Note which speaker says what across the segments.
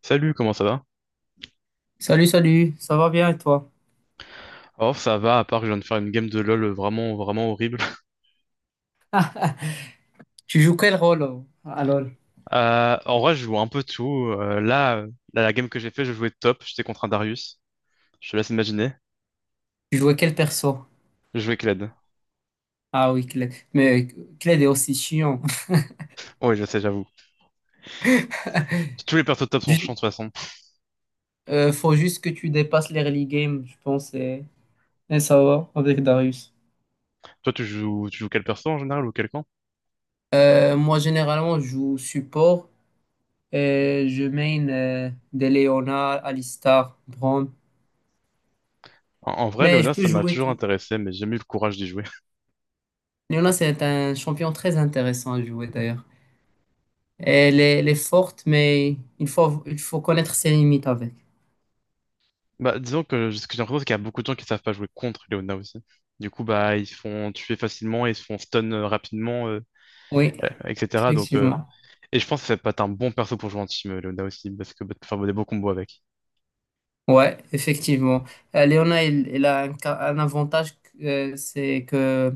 Speaker 1: Salut, comment ça va?
Speaker 2: Salut, salut, ça va bien et toi?
Speaker 1: Oh, ça va, à part que je viens de faire une game de LoL vraiment, vraiment horrible.
Speaker 2: Tu joues quel rôle à LoL?
Speaker 1: En vrai, je joue un peu tout. Euh, là, euh, la game que j'ai fait, je jouais top, j'étais contre un Darius. Je te laisse imaginer.
Speaker 2: Tu jouais quel perso?
Speaker 1: Je jouais Kled.
Speaker 2: Ah oui, Kled. Mais Kled est aussi chiant.
Speaker 1: Oui, je sais, j'avoue. Tous les persos top sont chiants
Speaker 2: Du-
Speaker 1: de toute façon.
Speaker 2: Faut juste que tu dépasses l'early game, je pense, et ça va avec Darius.
Speaker 1: Toi, tu joues quel perso en général ou quel camp?
Speaker 2: Moi, généralement, je joue support et je main des Leona, Alistar, Braum.
Speaker 1: En vrai,
Speaker 2: Mais je
Speaker 1: Leona,
Speaker 2: peux
Speaker 1: ça m'a
Speaker 2: jouer
Speaker 1: toujours
Speaker 2: tout.
Speaker 1: intéressé, mais j'ai jamais eu le courage d'y jouer.
Speaker 2: Leona, c'est un champion très intéressant à jouer d'ailleurs. Elle est forte, mais il faut connaître ses limites avec.
Speaker 1: Bah, disons que ce que j'ai l'impression, c'est qu'il y a beaucoup de gens qui savent pas jouer contre Leona aussi. Du coup, bah, ils se font tuer facilement, ils se font stun rapidement,
Speaker 2: Oui,
Speaker 1: etc. Donc,
Speaker 2: effectivement.
Speaker 1: et je pense que ça peut être un bon perso pour jouer en team, Leona aussi, parce que bah, tu peux faire des beaux combos avec.
Speaker 2: Ouais, effectivement. Léona, il a un avantage, c'est que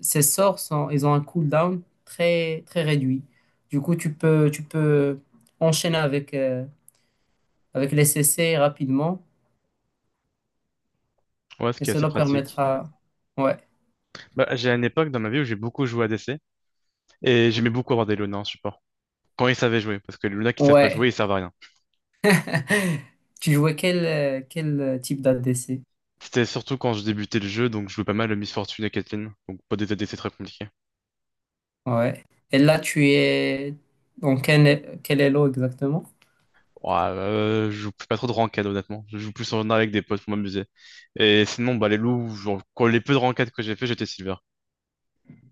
Speaker 2: ses sorts sont, ils ont un cooldown très très réduit. Du coup, tu peux enchaîner avec les CC rapidement
Speaker 1: Ouais, ce
Speaker 2: et
Speaker 1: qui est assez
Speaker 2: cela
Speaker 1: pratique.
Speaker 2: permettra. Ouais,
Speaker 1: Bah, j'ai une époque dans ma vie où j'ai beaucoup joué ADC et j'aimais beaucoup avoir des Luna en support. Quand ils savaient jouer, parce que les Luna qui savent pas
Speaker 2: ouais.
Speaker 1: jouer, ils servent à rien.
Speaker 2: Tu jouais quel type d'ADC?
Speaker 1: C'était surtout quand je débutais le jeu, donc je jouais pas mal le Miss Fortune et Caitlyn, donc pas des ADC très compliqués.
Speaker 2: Ouais. Et là, tu es dans quel elo exactement?
Speaker 1: Ouais, je joue pas trop de ranked honnêtement, je joue plus en avec des potes pour m'amuser. Et sinon, bah les loups, genre, quand les peu de ranked que j'ai fait, j'étais silver.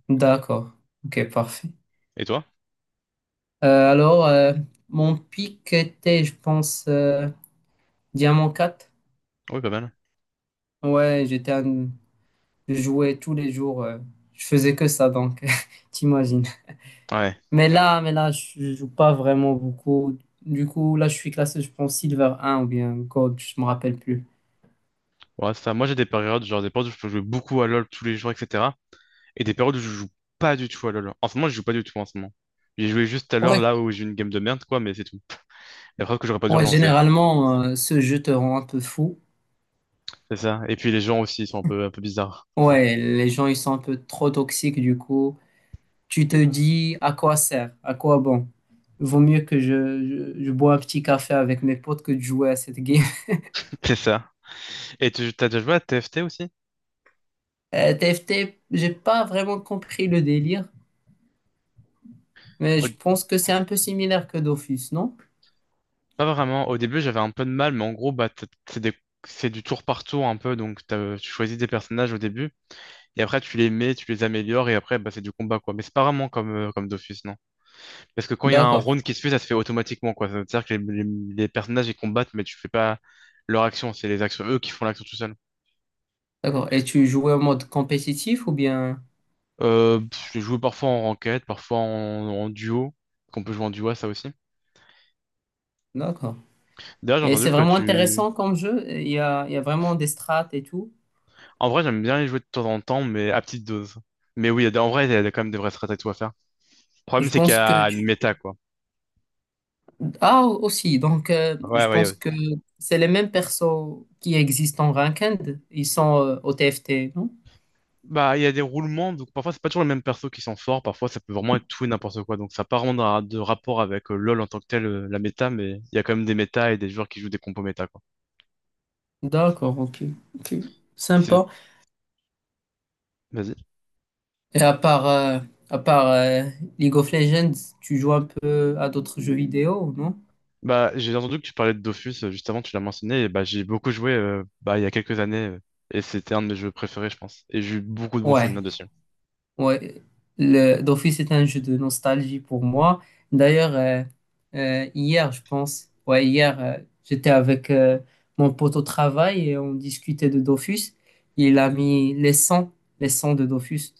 Speaker 2: D'accord. Ok, parfait.
Speaker 1: Et toi?
Speaker 2: Alors, mon pic était, je pense, Diamant 4.
Speaker 1: Oui, pas mal.
Speaker 2: Ouais, je jouais tous les jours. Je faisais que ça, donc, t'imagines.
Speaker 1: Ouais.
Speaker 2: Mais là, je joue pas vraiment beaucoup. Du coup, là, je suis classé, je pense, Silver un ou bien Gold, je me rappelle plus.
Speaker 1: Ouais, ça. Moi, j'ai des périodes, genre des périodes où je peux jouer beaucoup à LoL tous les jours, etc. Et des périodes où je joue pas du tout à LoL. En ce moment, je joue pas du tout en ce moment. J'ai joué juste tout à l'heure
Speaker 2: Ouais,
Speaker 1: là où j'ai eu une game de merde, quoi, mais c'est tout. La preuve que j'aurais pas dû
Speaker 2: ouais,
Speaker 1: relancer.
Speaker 2: généralement, ce jeu te rend un peu fou.
Speaker 1: C'est ça. Et puis les gens aussi, ils sont un peu bizarres parfois.
Speaker 2: Ouais, les gens, ils sont un peu trop toxiques, du coup. Tu te dis à quoi sert, à quoi bon. Vaut mieux que je bois un petit café avec mes potes que de jouer à cette game.
Speaker 1: C'est ça. Et tu t'as déjà joué à TFT aussi?
Speaker 2: TFT, j'ai pas vraiment compris le délire, mais je pense que c'est un peu similaire que Dofus, non?
Speaker 1: Pas vraiment. Au début, j'avais un peu de mal, mais en gros, bah, c'est du tour par tour un peu. Donc, tu choisis des personnages au début, et après, tu les mets, tu les améliores, et après, bah, c'est du combat, quoi. Mais c'est pas vraiment comme Dofus, non. Parce que quand il y a un
Speaker 2: D'accord,
Speaker 1: round qui se fait, ça se fait automatiquement, quoi. Ça veut dire que les personnages, ils combattent, mais tu fais pas leur action. C'est les actions, eux, qui font l'action tout seul.
Speaker 2: d'accord. Et tu jouais en mode compétitif ou bien...
Speaker 1: Je joue parfois en ranked, parfois en duo. Qu'on peut jouer en duo, à ça aussi.
Speaker 2: D'accord.
Speaker 1: D'ailleurs, j'ai
Speaker 2: Et
Speaker 1: entendu
Speaker 2: c'est
Speaker 1: que
Speaker 2: vraiment
Speaker 1: tu.
Speaker 2: intéressant comme jeu. Il y a vraiment des strates et tout.
Speaker 1: En vrai, j'aime bien les jouer de temps en temps, mais à petite dose. Mais oui, en vrai, il y a quand même des vraies stratégies à faire. Le problème,
Speaker 2: Je
Speaker 1: c'est qu'il y
Speaker 2: pense que
Speaker 1: a une
Speaker 2: tu...
Speaker 1: méta, quoi.
Speaker 2: Ah, aussi, donc
Speaker 1: Ouais,
Speaker 2: je
Speaker 1: ouais,
Speaker 2: pense
Speaker 1: ouais.
Speaker 2: que c'est les mêmes persos qui existent en ranked. Ils sont au TFT, non?
Speaker 1: Bah, il y a des roulements, donc parfois, c'est pas toujours les mêmes persos qui sont forts. Parfois, ça peut vraiment être tout et n'importe quoi. Donc, ça n'a pas vraiment de rapport avec LoL en tant que tel, la méta, mais il y a quand même des méta et des joueurs qui jouent des compos méta, quoi.
Speaker 2: D'accord, ok. Ok.
Speaker 1: C'est-
Speaker 2: Sympa.
Speaker 1: Vas-y.
Speaker 2: Et à part League of Legends, tu joues un peu à d'autres jeux vidéo, non?
Speaker 1: Bah, j'ai entendu que tu parlais de Dofus, juste avant, tu l'as mentionné, et bah, j'ai beaucoup joué, bah, il y a quelques années, et c'était un de mes jeux préférés, je pense. Et j'ai eu beaucoup de bons souvenirs
Speaker 2: Ouais.
Speaker 1: dessus.
Speaker 2: Ouais, d'office est un jeu de nostalgie pour moi. D'ailleurs, hier, je pense, ouais, hier, j'étais avec mon pote au travail et on discutait de Dofus. Il a mis les 100, les 100 de Dofus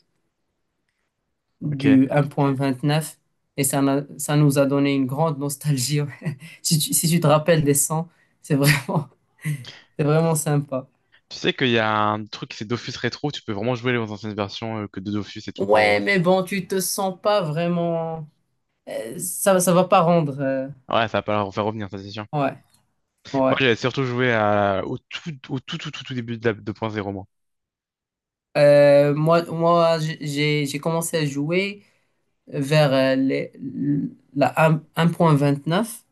Speaker 1: Ok.
Speaker 2: du 1.29 et ça, n'a- ça nous a donné une grande nostalgie. Ouais. Si tu te rappelles des 100, c'est vraiment, c'est vraiment sympa.
Speaker 1: Tu sais qu'il y a un truc, c'est Dofus Rétro, tu peux vraiment jouer les anciennes versions, que de Dofus et tout pour.
Speaker 2: Ouais, mais bon, tu te sens pas vraiment. Ça, ça va pas rendre.
Speaker 1: Ouais, ça va pas leur faire revenir, ça, c'est sûr.
Speaker 2: Ouais,
Speaker 1: Moi,
Speaker 2: ouais.
Speaker 1: j'avais surtout joué au tout tout, tout, tout, début de la 2.0, moi.
Speaker 2: Moi, j'ai commencé à jouer vers la 1.29.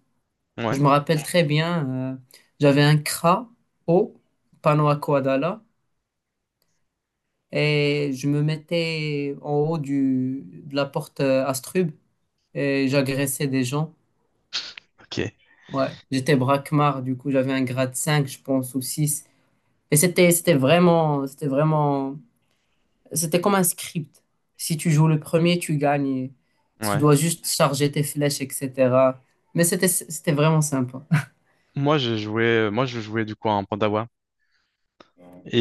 Speaker 1: Ouais,
Speaker 2: Je me rappelle très bien, j'avais un Kra haut, panneau à Koadala, et je me mettais en haut de la porte Astrub et j'agressais des gens.
Speaker 1: ok,
Speaker 2: Ouais, j'étais braquemar, du coup j'avais un grade cinq, je pense, ou six. Et c'était comme un script. Si tu joues le premier, tu gagnes. Tu
Speaker 1: ouais.
Speaker 2: dois juste charger tes flèches, etc. Mais c'était vraiment sympa.
Speaker 1: Moi, je jouais du coup en Pandawa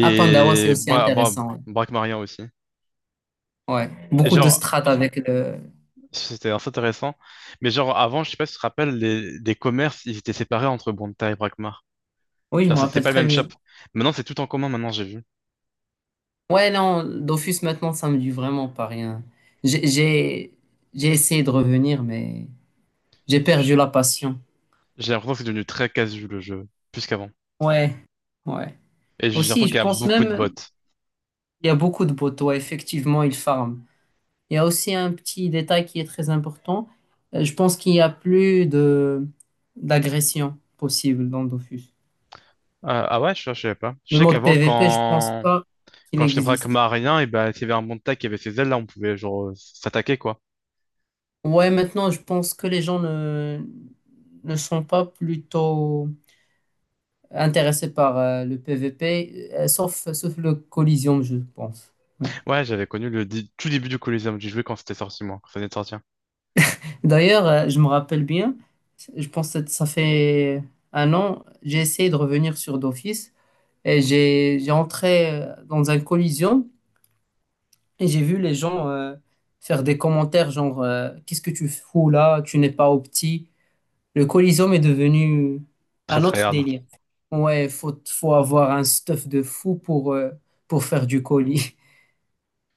Speaker 2: À Pandawa, c'est aussi intéressant. Ouais.
Speaker 1: Brakmarien aussi.
Speaker 2: Ouais.
Speaker 1: Et
Speaker 2: Beaucoup de
Speaker 1: genre,
Speaker 2: strates avec le.
Speaker 1: c'était assez intéressant. Mais genre, avant, je sais pas si tu te rappelles, les commerces, ils étaient séparés entre Bonta et Brakmar.
Speaker 2: Oui, je
Speaker 1: Genre,
Speaker 2: me
Speaker 1: c'était
Speaker 2: rappelle
Speaker 1: pas le
Speaker 2: très
Speaker 1: même shop.
Speaker 2: bien.
Speaker 1: Maintenant, c'est tout en commun, maintenant, j'ai vu.
Speaker 2: Ouais, non, Dofus maintenant, ça me dit vraiment pas rien. J'ai j'ai j'ai essayé de revenir, mais j'ai perdu la passion.
Speaker 1: J'ai l'impression que c'est devenu très casu le jeu, plus qu'avant.
Speaker 2: Ouais, ouais.
Speaker 1: Et j'ai l'impression
Speaker 2: Aussi,
Speaker 1: qu'il
Speaker 2: je
Speaker 1: y a
Speaker 2: pense
Speaker 1: beaucoup de bots.
Speaker 2: même il y a beaucoup de poteaux. Effectivement, ils farment. Il y a aussi un petit détail qui est très important. Je pense qu'il n'y a plus de d'agression possible dans Dofus.
Speaker 1: Ah ouais, je savais pas. Je
Speaker 2: Le
Speaker 1: sais
Speaker 2: mode
Speaker 1: qu'avant,
Speaker 2: PVP, je pense
Speaker 1: quand...
Speaker 2: pas qu'il
Speaker 1: Quand j'étais
Speaker 2: existe.
Speaker 1: braquemarien, et ben, s'il y avait un montagne qui avait ces ailes-là, on pouvait genre s'attaquer, quoi.
Speaker 2: Ouais, maintenant, je pense que les gens ne sont pas plutôt intéressés par le PVP, sauf le Coliseum, je pense. Ouais.
Speaker 1: Ouais, j'avais connu tout début du Coliseum. J'y jouais quand c'était sorti, moi, quand ça venait de sortir.
Speaker 2: D'ailleurs, je me rappelle bien, je pense que ça fait un an, j'ai essayé de revenir sur Dofus. Et j'ai entré dans un collision et j'ai vu les gens faire des commentaires genre qu'est-ce que tu fous là, tu n'es pas au petit. Le collision est devenu
Speaker 1: Très,
Speaker 2: un
Speaker 1: très
Speaker 2: autre
Speaker 1: hard.
Speaker 2: délire. Ouais, faut avoir un stuff de fou pour faire du colis.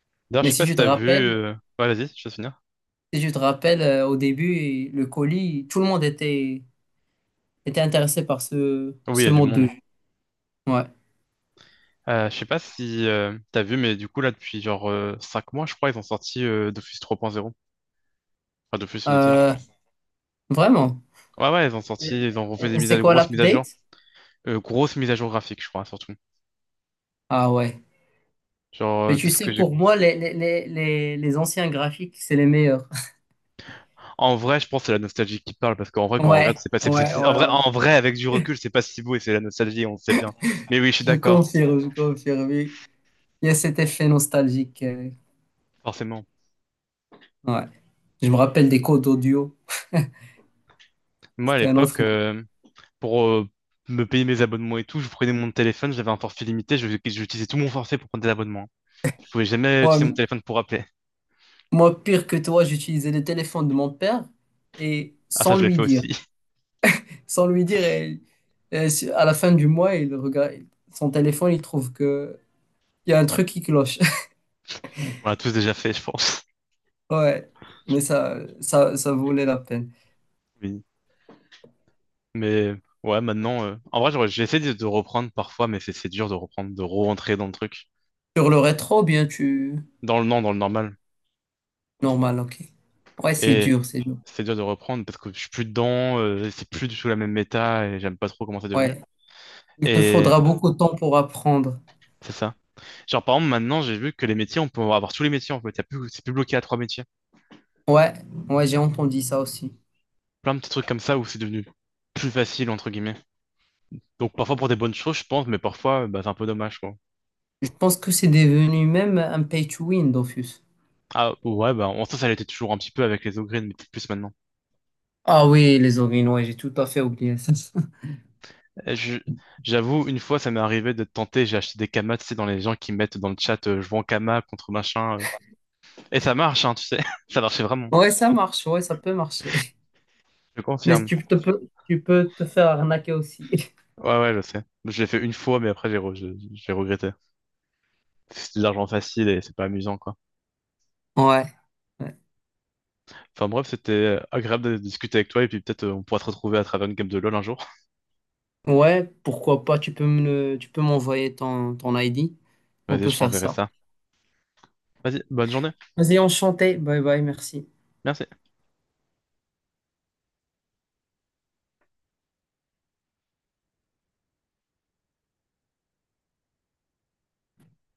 Speaker 1: D'ailleurs, je
Speaker 2: Mais
Speaker 1: sais pas
Speaker 2: si
Speaker 1: si
Speaker 2: tu te
Speaker 1: t'as vu...
Speaker 2: rappelles,
Speaker 1: euh, Ouais, vas-y, je vais finir.
Speaker 2: si tu te rappelles au début le colis, tout le monde était intéressé par ce
Speaker 1: Oui, il y
Speaker 2: ce
Speaker 1: a du
Speaker 2: mode
Speaker 1: monde.
Speaker 2: de
Speaker 1: hein.
Speaker 2: jeu. Ouais.
Speaker 1: Je sais pas si t'as vu, mais du coup, là, depuis genre 5 mois, je crois, ils ont sorti Dofus 3.0. Enfin, Dofus Unity.
Speaker 2: Euh, Vraiment.
Speaker 1: Ouais, ouais,
Speaker 2: Et-
Speaker 1: ils ont refait des mises
Speaker 2: C'est
Speaker 1: à
Speaker 2: quoi
Speaker 1: grosses mises à jour,
Speaker 2: l'update?
Speaker 1: grosses mises à jour graphiques, je crois, surtout.
Speaker 2: Ah ouais.
Speaker 1: Genre,
Speaker 2: Mais
Speaker 1: de
Speaker 2: tu
Speaker 1: ce
Speaker 2: sais,
Speaker 1: que j'ai.
Speaker 2: pour moi, les anciens graphiques, c'est les meilleurs.
Speaker 1: En vrai, je pense que c'est la nostalgie qui parle, parce qu'en vrai, quand on regarde,
Speaker 2: Ouais,
Speaker 1: c'est pas,
Speaker 2: ouais,
Speaker 1: c'est- en
Speaker 2: ouais,
Speaker 1: vrai, en
Speaker 2: ouais.
Speaker 1: vrai, avec du recul, c'est pas si beau et c'est la nostalgie, on le sait bien. Mais oui, je suis
Speaker 2: Je
Speaker 1: d'accord,
Speaker 2: confirme, je confirme. Oui. Il y a cet effet nostalgique.
Speaker 1: forcément.
Speaker 2: Ouais. Je me rappelle des codes audio.
Speaker 1: Moi, à
Speaker 2: C'était un autre.
Speaker 1: l'époque, pour me payer mes abonnements et tout, je prenais mon téléphone, j'avais un forfait limité, j'utilisais tout mon forfait pour prendre des abonnements. Je pouvais jamais
Speaker 2: Moi,
Speaker 1: utiliser mon téléphone pour appeler.
Speaker 2: moi, pire que toi, j'utilisais le téléphone de mon père et
Speaker 1: Ah, ça,
Speaker 2: sans
Speaker 1: je l'ai
Speaker 2: lui
Speaker 1: fait
Speaker 2: dire.
Speaker 1: aussi.
Speaker 2: Sans lui dire, et à la fin du mois, il regarde son téléphone, il trouve que il y a un truc qui cloche.
Speaker 1: On l'a tous déjà fait, je pense.
Speaker 2: Ouais. Mais ça valait la peine.
Speaker 1: Oui. Mais ouais, maintenant, en vrai, j'essaie de reprendre parfois, mais c'est dur de reprendre, de re-rentrer dans le truc,
Speaker 2: Sur le rétro, bien, tu.
Speaker 1: dans le non, dans le normal.
Speaker 2: Normal, ok. Ouais, c'est
Speaker 1: Et
Speaker 2: dur, c'est dur.
Speaker 1: c'est dur de reprendre parce que je suis plus dedans, c'est plus du tout la même méta et j'aime pas trop comment c'est devenu.
Speaker 2: Ouais. Il te
Speaker 1: Et
Speaker 2: faudra beaucoup de temps pour apprendre.
Speaker 1: c'est ça. Genre, par exemple, maintenant, j'ai vu que les métiers, on peut avoir tous les métiers en fait. C'est plus bloqué à trois métiers.
Speaker 2: Ouais, ouais, j'ai entendu ça aussi.
Speaker 1: Plein de petits trucs comme ça où c'est devenu plus facile, entre guillemets. Donc, parfois pour des bonnes choses, je pense, mais parfois, bah, c'est un peu dommage, quoi.
Speaker 2: Je pense que c'est devenu même un pay to win, Dofus.
Speaker 1: Ah, ouais, bah, en sens, ça l'était toujours un petit peu avec les Ogreen, mais peut-être plus maintenant.
Speaker 2: Ah oui, les origines, ouais, j'ai tout à fait oublié ça.
Speaker 1: Eh, je- J'avoue, une fois, ça m'est arrivé de tenter, j'ai acheté des kamas, tu sais, dans les gens qui mettent dans le chat, je vends kama contre machin. Et ça marche, hein, tu sais. Ça marchait vraiment.
Speaker 2: Ouais, ça marche, ouais, ça peut marcher.
Speaker 1: Je
Speaker 2: Mais
Speaker 1: confirme.
Speaker 2: tu peux te faire arnaquer aussi.
Speaker 1: Ouais, ouais, je sais. Je l'ai fait une fois, mais après, j'ai regretté. C'est de l'argent facile et c'est pas amusant, quoi.
Speaker 2: Ouais, ouais.
Speaker 1: Enfin bref, c'était agréable de discuter avec toi et puis peut-être on pourra te retrouver à travers une game de LoL un jour.
Speaker 2: Ouais, pourquoi pas, tu peux m'envoyer ton ID. On
Speaker 1: Vas-y,
Speaker 2: peut
Speaker 1: je
Speaker 2: faire
Speaker 1: t'enverrai
Speaker 2: ça.
Speaker 1: ça. Vas-y, bonne journée.
Speaker 2: Vas-y, enchanté. Bye bye, merci.
Speaker 1: Merci.